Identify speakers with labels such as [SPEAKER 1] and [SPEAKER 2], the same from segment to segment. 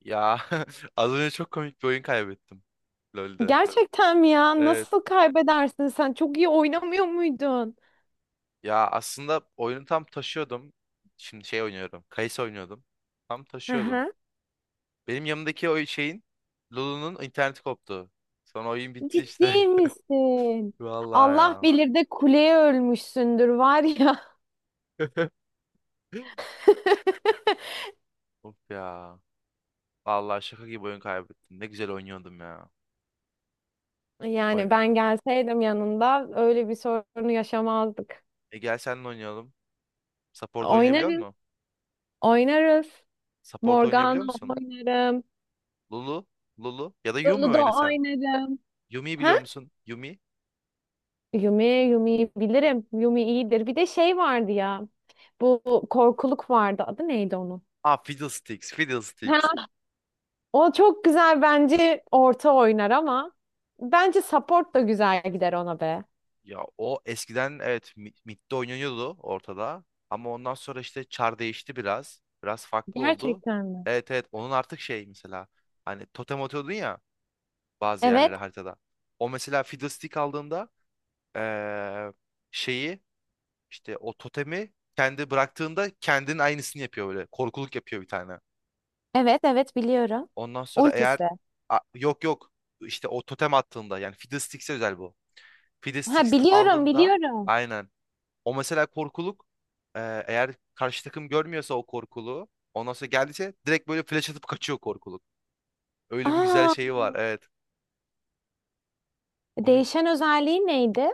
[SPEAKER 1] Ya az önce çok komik bir oyun kaybettim LoL'de.
[SPEAKER 2] Gerçekten mi ya?
[SPEAKER 1] Evet.
[SPEAKER 2] Nasıl kaybedersin sen? Çok iyi oynamıyor muydun?
[SPEAKER 1] Ya aslında oyunu tam taşıyordum. Şimdi şey oynuyorum. Kayısı oynuyordum. Tam
[SPEAKER 2] Hı
[SPEAKER 1] taşıyordum.
[SPEAKER 2] hı.
[SPEAKER 1] Benim yanımdaki o şeyin Lulu'nun interneti koptu. Sonra oyun bitti işte.
[SPEAKER 2] Ciddi misin?
[SPEAKER 1] Vallahi
[SPEAKER 2] Allah
[SPEAKER 1] ya.
[SPEAKER 2] bilir de kuleye ölmüşsündür var ya.
[SPEAKER 1] Of ya. Vallahi şaka gibi oyun kaybettim. Ne güzel oynuyordum ya. Oy
[SPEAKER 2] Yani ben gelseydim yanında öyle bir sorunu yaşamazdık.
[SPEAKER 1] e gel seninle oynayalım. Support oynayabiliyor
[SPEAKER 2] Oynarız,
[SPEAKER 1] musun?
[SPEAKER 2] oynarız.
[SPEAKER 1] Support oynayabiliyor
[SPEAKER 2] Morgana
[SPEAKER 1] musun?
[SPEAKER 2] oynarım.
[SPEAKER 1] Lulu, Lulu ya da Yumi oyna
[SPEAKER 2] Ludo
[SPEAKER 1] sen.
[SPEAKER 2] oynarım.
[SPEAKER 1] Yumi'yi
[SPEAKER 2] Ha?
[SPEAKER 1] biliyor musun? Yumi.
[SPEAKER 2] Yumi, Yumi'yi bilirim. Yumi iyidir. Bir de şey vardı ya. Bu korkuluk vardı. Adı neydi onun?
[SPEAKER 1] Aa Fiddlesticks, Fiddlesticks.
[SPEAKER 2] Ha, o çok güzel bence orta oynar ama bence support da güzel gider ona be.
[SPEAKER 1] Ya o eskiden evet midde oynanıyordu ortada. Ama ondan sonra işte çar değişti biraz. Biraz farklı oldu.
[SPEAKER 2] Gerçekten mi?
[SPEAKER 1] Evet evet onun artık şey mesela. Hani totem atıyordun ya bazı yerlere
[SPEAKER 2] Evet,
[SPEAKER 1] haritada. O mesela Fiddlestick aldığında eee, şeyi işte o totemi kendi bıraktığında kendinin aynısını yapıyor böyle. Korkuluk yapıyor bir tane.
[SPEAKER 2] evet, evet biliyorum.
[SPEAKER 1] Ondan sonra eğer
[SPEAKER 2] Ultisi.
[SPEAKER 1] Yok yok işte o totem attığında yani Fiddlesticks'e özel bu.
[SPEAKER 2] Ha
[SPEAKER 1] Fiddlesticks
[SPEAKER 2] biliyorum,
[SPEAKER 1] aldığında
[SPEAKER 2] biliyorum.
[SPEAKER 1] aynen. O mesela korkuluk e, eğer karşı takım görmüyorsa o korkuluğu ondan sonra geldiyse direkt böyle flash atıp kaçıyor korkuluk. Öyle bir güzel
[SPEAKER 2] Aa,
[SPEAKER 1] şeyi var evet. Onun
[SPEAKER 2] değişen özelliği neydi?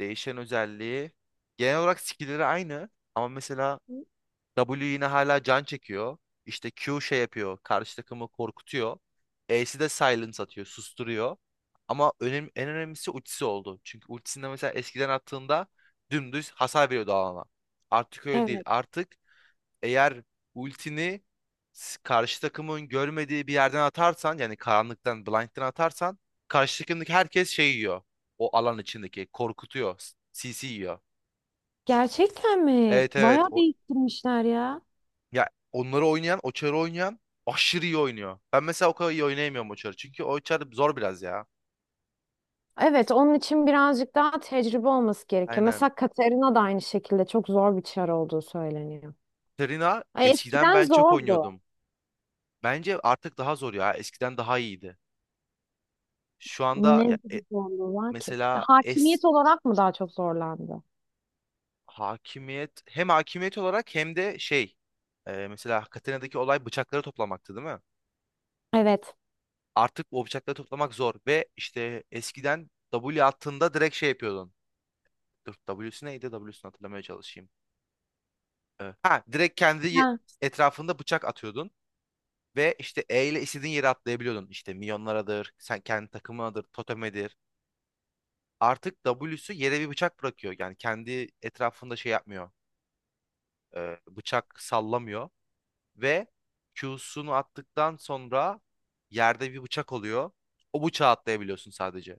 [SPEAKER 1] değişen özelliği genel olarak skill'leri aynı ama mesela W yine hala can çekiyor. İşte Q şey yapıyor. Karşı takımı korkutuyor. E'si de silence atıyor. Susturuyor. Ama en önemlisi ultisi oldu. Çünkü ultisinde mesela eskiden attığında dümdüz hasar veriyordu alana. Artık öyle değil.
[SPEAKER 2] Evet.
[SPEAKER 1] Artık eğer ultini karşı takımın görmediği bir yerden atarsan yani karanlıktan, blind'den atarsan karşı takımdaki herkes şey yiyor. O alan içindeki korkutuyor. CC yiyor.
[SPEAKER 2] Gerçekten mi?
[SPEAKER 1] Evet evet.
[SPEAKER 2] Bayağı değiştirmişler ya.
[SPEAKER 1] Ya onları oynayan, Oçar'ı oynayan aşırı iyi oynuyor. Ben mesela o kadar iyi oynayamıyorum Oçar'ı. Çünkü Oçar zor biraz ya.
[SPEAKER 2] Evet, onun için birazcık daha tecrübe olması gerekiyor.
[SPEAKER 1] Aynen.
[SPEAKER 2] Mesela Katarina da aynı şekilde çok zor bir çar olduğu söyleniyor.
[SPEAKER 1] Serena
[SPEAKER 2] Ay,
[SPEAKER 1] eskiden
[SPEAKER 2] eskiden
[SPEAKER 1] ben çok
[SPEAKER 2] zordu.
[SPEAKER 1] oynuyordum. Bence artık daha zor ya. Eskiden daha iyiydi. Şu anda
[SPEAKER 2] Ne
[SPEAKER 1] ya,
[SPEAKER 2] gibi zorluğu var ki?
[SPEAKER 1] mesela
[SPEAKER 2] Hakimiyet olarak mı daha çok zorlandı?
[SPEAKER 1] hem hakimiyet olarak hem de şey mesela Katena'daki olay bıçakları toplamaktı değil mi?
[SPEAKER 2] Evet.
[SPEAKER 1] Artık o bıçakları toplamak zor ve işte eskiden W attığında direkt şey yapıyordun. Dur W'si neydi? W'sini hatırlamaya çalışayım. Evet. Ha direkt kendi
[SPEAKER 2] Ha.
[SPEAKER 1] etrafında bıçak atıyordun ve işte E ile istediğin yere atlayabiliyordun. İşte milyonlaradır, sen kendi takımınadır, totemedir. Artık W'su yere bir bıçak bırakıyor. Yani kendi etrafında şey yapmıyor. Bıçak sallamıyor ve Q'sunu attıktan sonra yerde bir bıçak oluyor. O bıçağı atlayabiliyorsun sadece.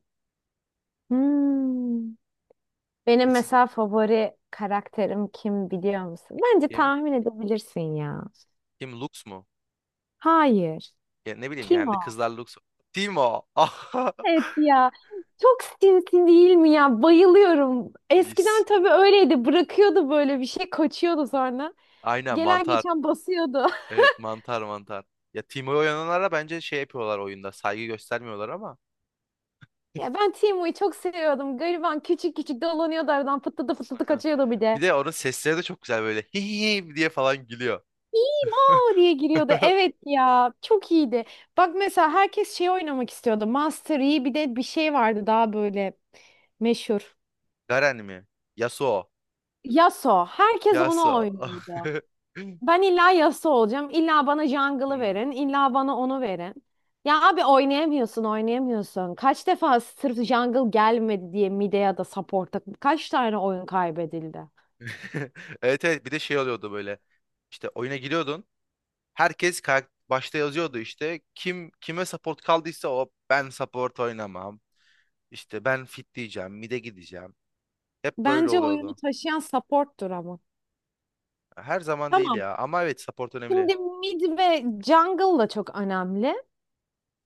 [SPEAKER 2] Hmm. Benim
[SPEAKER 1] Eski
[SPEAKER 2] mesela favori karakterim kim biliyor musun? Bence
[SPEAKER 1] kim?
[SPEAKER 2] tahmin edebilirsin ya.
[SPEAKER 1] Kim Lux mu?
[SPEAKER 2] Hayır.
[SPEAKER 1] Ya ne bileyim
[SPEAKER 2] Kim
[SPEAKER 1] genelde
[SPEAKER 2] o?
[SPEAKER 1] kızlar Lux. Timo.
[SPEAKER 2] Evet ya. Çok sinsi değil mi ya? Bayılıyorum.
[SPEAKER 1] Yes.
[SPEAKER 2] Eskiden tabii öyleydi. Bırakıyordu böyle bir şey, kaçıyordu sonra.
[SPEAKER 1] Aynen
[SPEAKER 2] Gelen
[SPEAKER 1] mantar.
[SPEAKER 2] geçen basıyordu.
[SPEAKER 1] Evet mantar mantar. Ya Timo'yu oynananlara bence şey yapıyorlar oyunda. Saygı göstermiyorlar ama.
[SPEAKER 2] Ya ben Timo'yu çok seviyordum. Gariban küçük küçük dolanıyordu aradan fıtladı fıtladı
[SPEAKER 1] Aynen.
[SPEAKER 2] kaçıyordu bir
[SPEAKER 1] Bir
[SPEAKER 2] de.
[SPEAKER 1] de onun sesleri de çok güzel böyle. hihi diye falan gülüyor.
[SPEAKER 2] Aa diye giriyordu. Evet ya çok iyiydi. Bak mesela herkes şey oynamak istiyordu. Master Yi bir de bir şey vardı daha böyle meşhur.
[SPEAKER 1] Garen mi? Yasuo.
[SPEAKER 2] Yasuo. Herkes onu
[SPEAKER 1] Yasuo.
[SPEAKER 2] oynuyordu. Ben illa Yasuo olacağım. İlla bana jungle'ı
[SPEAKER 1] Hmm.
[SPEAKER 2] verin. İlla bana onu verin. Ya abi oynayamıyorsun, oynayamıyorsun. Kaç defa sırf jungle gelmedi diye mid'e ya da support'a kaç tane oyun kaybedildi?
[SPEAKER 1] Evet evet bir de şey oluyordu böyle. İşte oyuna giriyordun. Herkes başta yazıyordu işte. Kim kime support kaldıysa o ben support oynamam. İşte ben fit diyeceğim, mid'e gideceğim. Hep böyle
[SPEAKER 2] Bence oyunu
[SPEAKER 1] oluyordu.
[SPEAKER 2] taşıyan support'tur ama.
[SPEAKER 1] Her zaman değil
[SPEAKER 2] Tamam.
[SPEAKER 1] ya. Ama evet support önemli.
[SPEAKER 2] Şimdi mid ve jungle da çok önemli.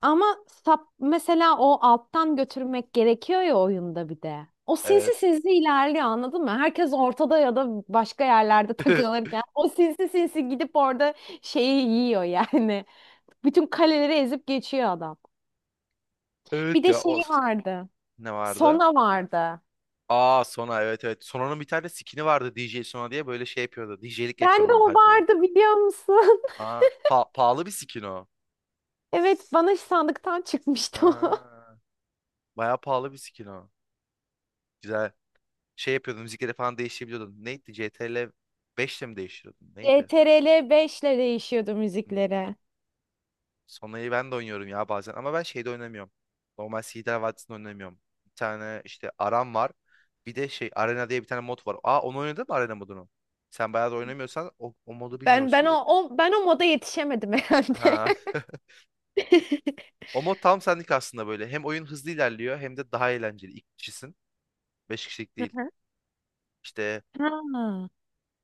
[SPEAKER 2] Ama sap mesela o alttan götürmek gerekiyor ya oyunda bir de. O sinsi
[SPEAKER 1] Evet.
[SPEAKER 2] sinsi ilerliyor anladın mı? Herkes ortada ya da başka yerlerde takılırken o sinsi sinsi gidip orada şeyi yiyor yani. Bütün kaleleri ezip geçiyor adam. Bir
[SPEAKER 1] Evet
[SPEAKER 2] de
[SPEAKER 1] ya o
[SPEAKER 2] şey vardı.
[SPEAKER 1] ne vardı?
[SPEAKER 2] Sona vardı.
[SPEAKER 1] Aa Sona evet evet. Sona'nın bir tane skin'i vardı D J Sona diye böyle şey yapıyordu. DJ'lik
[SPEAKER 2] Ben de
[SPEAKER 1] yapıyordu
[SPEAKER 2] o
[SPEAKER 1] haritada.
[SPEAKER 2] vardı biliyor musun?
[SPEAKER 1] Aa pahalı bir skin o.
[SPEAKER 2] Evet bana sandıktan çıkmıştı o.
[SPEAKER 1] Aa, bayağı pahalı bir skin o. Güzel. Şey yapıyordun müzikleri falan değiştirebiliyordun. Neydi? CTRL 5'le mi değiştiriyordun? Neydi?
[SPEAKER 2] CTRL 5 ile değişiyordu
[SPEAKER 1] Hmm.
[SPEAKER 2] müzikleri.
[SPEAKER 1] Sonra'yı ben de oynuyorum ya bazen ama ben şeyde oynamıyorum. Normal Sider Vadisi'nde oynamıyorum. Bir tane işte Aram var. Bir de şey Arena diye bir tane mod var. Aa onu oynadın mı Arena modunu? Sen bayağı da oynamıyorsan o modu
[SPEAKER 2] Ben o,
[SPEAKER 1] bilmiyorsundur.
[SPEAKER 2] o ben o moda yetişemedim herhalde.
[SPEAKER 1] Ha. O mod tam senlik aslında böyle. Hem oyun hızlı ilerliyor hem de daha eğlenceli. İki kişisin. Beş kişilik
[SPEAKER 2] Hı
[SPEAKER 1] değil.
[SPEAKER 2] hı.
[SPEAKER 1] İşte
[SPEAKER 2] Ha.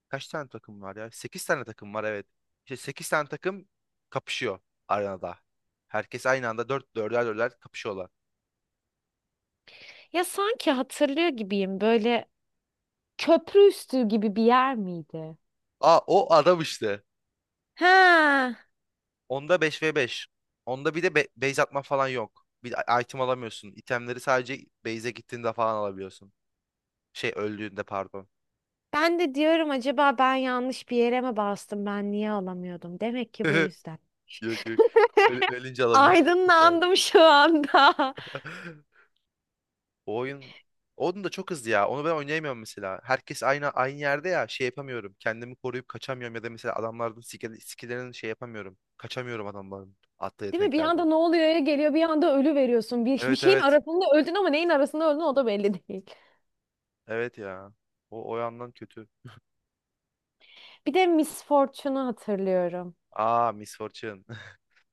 [SPEAKER 1] kaç tane takım var ya? Sekiz tane takım var evet. İşte sekiz tane takım kapışıyor arenada. Herkes aynı anda dörder dörder kapışıyorlar.
[SPEAKER 2] Ya sanki hatırlıyor gibiyim böyle köprü üstü gibi bir yer miydi?
[SPEAKER 1] Aa o adam işte.
[SPEAKER 2] Ha,
[SPEAKER 1] Onda beş ve beş. Onda bir de base atma falan yok. Bir de item alamıyorsun. İtemleri sadece base'e gittiğinde falan alabiliyorsun. Şey öldüğünde pardon.
[SPEAKER 2] ben de diyorum acaba ben yanlış bir yere mi bastım ben niye alamıyordum? Demek ki bu yüzden.
[SPEAKER 1] Yok yok. Ölünce alabiliyorsun. Sağ ol.
[SPEAKER 2] Aydınlandım şu anda.
[SPEAKER 1] O oyun onun da çok hızlı ya. Onu ben oynayamıyorum mesela. Herkes aynı yerde ya şey yapamıyorum. Kendimi koruyup kaçamıyorum ya da mesela adamların skill'lerini şey yapamıyorum. Kaçamıyorum adamların attığı
[SPEAKER 2] Değil mi? Bir
[SPEAKER 1] yeteneklerden.
[SPEAKER 2] anda ne oluyor ya geliyor bir anda ölü veriyorsun. Bir
[SPEAKER 1] Evet
[SPEAKER 2] şeyin
[SPEAKER 1] evet.
[SPEAKER 2] arasında öldün ama neyin arasında öldün o da belli değil.
[SPEAKER 1] Evet ya. O yandan kötü.
[SPEAKER 2] Bir de Miss Fortune'u hatırlıyorum.
[SPEAKER 1] Aa Miss Fortune.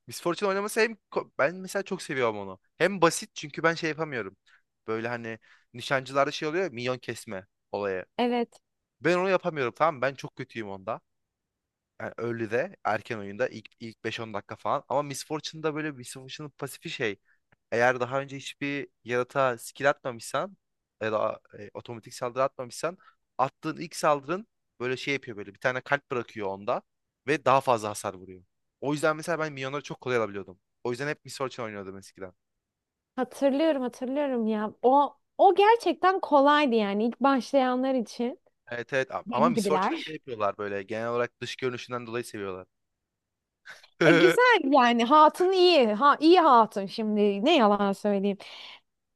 [SPEAKER 1] Miss Fortune oynaması hem ben mesela çok seviyorum onu. Hem basit çünkü ben şey yapamıyorum. Böyle hani nişancılarda şey oluyor ya, minyon kesme olayı.
[SPEAKER 2] Evet.
[SPEAKER 1] Ben onu yapamıyorum tamam mı? Ben çok kötüyüm onda. Yani early'de erken oyunda ilk 5-10 dakika falan. Ama Miss Fortune'da böyle Miss Fortune'ın pasifi şey. Eğer daha önce hiçbir yaratığa skill atmamışsan ya da otomatik saldırı atmamışsan attığın ilk saldırın böyle şey yapıyor böyle bir tane kalp bırakıyor onda ve daha fazla hasar vuruyor. O yüzden mesela ben minyonları çok kolay alabiliyordum. O yüzden hep Miss Fortune oynuyordum eskiden.
[SPEAKER 2] Hatırlıyorum hatırlıyorum ya. O o gerçekten kolaydı yani ilk başlayanlar için.
[SPEAKER 1] Evet evet ama
[SPEAKER 2] Benim
[SPEAKER 1] Miss Fortune'ı şey
[SPEAKER 2] gibiler.
[SPEAKER 1] yapıyorlar böyle genel olarak dış görünüşünden dolayı seviyorlar.
[SPEAKER 2] E güzel yani hatun iyi. Ha iyi hatun şimdi ne yalan söyleyeyim.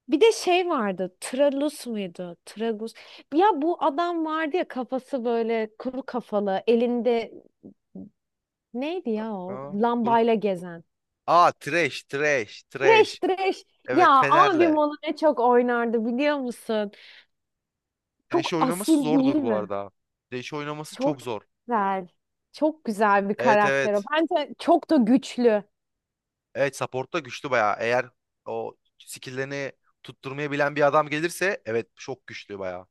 [SPEAKER 2] Bir de şey vardı. Tralus muydu? Tragus. Ya bu adam vardı ya kafası böyle kuru kafalı, elinde neydi ya o?
[SPEAKER 1] Aa, grup.
[SPEAKER 2] Lambayla gezen.
[SPEAKER 1] Aa Thresh, Thresh,
[SPEAKER 2] Treş
[SPEAKER 1] Thresh.
[SPEAKER 2] treş.
[SPEAKER 1] Evet
[SPEAKER 2] Ya abim
[SPEAKER 1] Fener'le.
[SPEAKER 2] onu ne çok oynardı biliyor musun?
[SPEAKER 1] Thresh'i
[SPEAKER 2] Çok
[SPEAKER 1] oynaması
[SPEAKER 2] asil değil
[SPEAKER 1] zordur bu
[SPEAKER 2] mi?
[SPEAKER 1] arada. Thresh'i oynaması çok
[SPEAKER 2] Çok
[SPEAKER 1] zor.
[SPEAKER 2] güzel. Çok güzel bir
[SPEAKER 1] Evet
[SPEAKER 2] karakter o.
[SPEAKER 1] evet.
[SPEAKER 2] Bence çok da güçlü.
[SPEAKER 1] Evet supportta güçlü bayağı. Eğer o skill'lerini tutturmayı bilen bir adam gelirse evet çok güçlü bayağı.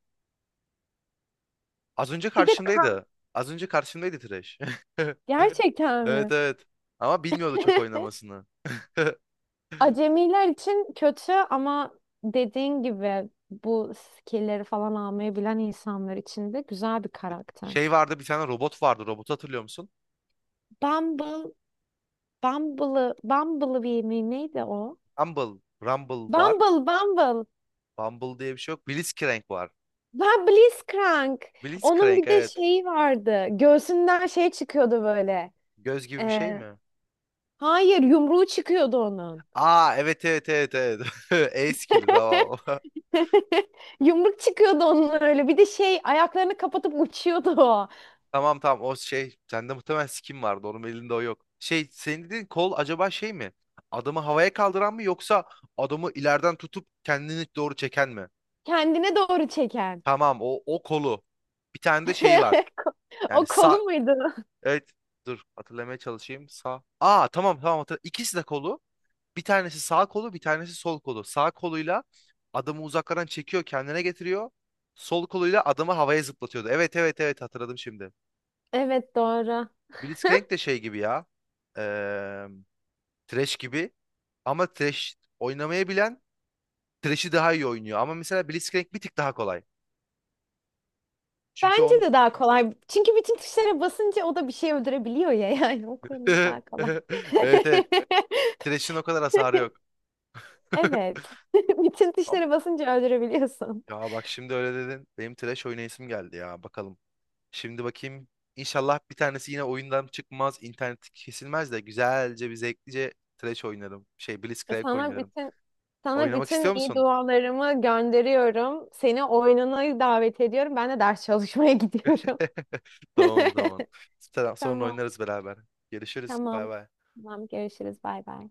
[SPEAKER 1] Az önce
[SPEAKER 2] Bir de kan.
[SPEAKER 1] karşımdaydı. Az önce karşımdaydı Thresh.
[SPEAKER 2] Gerçekten mi?
[SPEAKER 1] Evet evet. Ama bilmiyordu çok oynamasını.
[SPEAKER 2] Acemiler için kötü ama dediğin gibi bu skill'leri falan almayı bilen insanlar için de güzel bir karakter.
[SPEAKER 1] Şey vardı bir tane robot vardı. Robotu hatırlıyor musun?
[SPEAKER 2] Bumble, Bumble'ı, Bumblebee mi neydi o?
[SPEAKER 1] Rumble. Rumble var.
[SPEAKER 2] Bumble, Bumble.
[SPEAKER 1] Bumble diye bir şey yok. Blitzcrank var.
[SPEAKER 2] Ben Blitzcrank. Onun
[SPEAKER 1] Blitzcrank
[SPEAKER 2] bir de
[SPEAKER 1] evet.
[SPEAKER 2] şeyi vardı. Göğsünden şey çıkıyordu böyle.
[SPEAKER 1] Göz gibi bir
[SPEAKER 2] Ee,
[SPEAKER 1] şey mi?
[SPEAKER 2] hayır, yumruğu çıkıyordu onun.
[SPEAKER 1] Aa evet evet evet evet. E skill'i tamam.
[SPEAKER 2] Yumruk çıkıyordu onun öyle. Bir de şey ayaklarını kapatıp uçuyordu o.
[SPEAKER 1] Tamam tamam o şey sende muhtemelen skin vardı onun elinde o yok. Şey senin dediğin kol acaba şey mi? Adamı havaya kaldıran mı yoksa adamı ileriden tutup kendini doğru çeken mi?
[SPEAKER 2] Kendine doğru çeken.
[SPEAKER 1] Tamam o kolu. Bir tane de şey var. Yani
[SPEAKER 2] O
[SPEAKER 1] sağ
[SPEAKER 2] kolu muydu?
[SPEAKER 1] evet dur hatırlamaya çalışayım. Sağ. Aa tamam tamam hatırladım. İkisi de kolu. Bir tanesi sağ kolu bir tanesi sol kolu. Sağ koluyla adamı uzaklardan çekiyor kendine getiriyor. Sol koluyla adamı havaya zıplatıyordu. Evet evet evet hatırladım şimdi.
[SPEAKER 2] Evet doğru.
[SPEAKER 1] Blitzcrank de şey gibi ya. Eee Thresh gibi. Ama Thresh oynamayı bilen Thresh'i daha iyi oynuyor. Ama mesela Blitzcrank bir tık daha kolay. Çünkü
[SPEAKER 2] Bence
[SPEAKER 1] onun...
[SPEAKER 2] de daha kolay. Çünkü bütün tuşlara basınca o da bir şey öldürebiliyor ya. Yani o konuda daha kolay.
[SPEAKER 1] Evet evet. Thresh'in o kadar hasarı yok.
[SPEAKER 2] Evet. Bütün
[SPEAKER 1] Ama
[SPEAKER 2] tuşlara basınca öldürebiliyorsun.
[SPEAKER 1] ya bak şimdi öyle dedin. Benim Thresh oynayasım geldi ya. Bakalım. Şimdi bakayım. İnşallah bir tanesi yine oyundan çıkmaz. İnternet kesilmez de güzelce bir zevklice Thresh oynarım. Şey Blitzcrank
[SPEAKER 2] Sana
[SPEAKER 1] oynarım.
[SPEAKER 2] bütün
[SPEAKER 1] Oynamak istiyor
[SPEAKER 2] iyi
[SPEAKER 1] musun?
[SPEAKER 2] dualarımı gönderiyorum. Seni oyununa davet ediyorum. Ben de ders çalışmaya gidiyorum.
[SPEAKER 1] Tamam o zaman. Sonra
[SPEAKER 2] Tamam,
[SPEAKER 1] oynarız beraber. Görüşürüz. Bay
[SPEAKER 2] tamam.
[SPEAKER 1] bay.
[SPEAKER 2] Tamam, görüşürüz. Bay bay.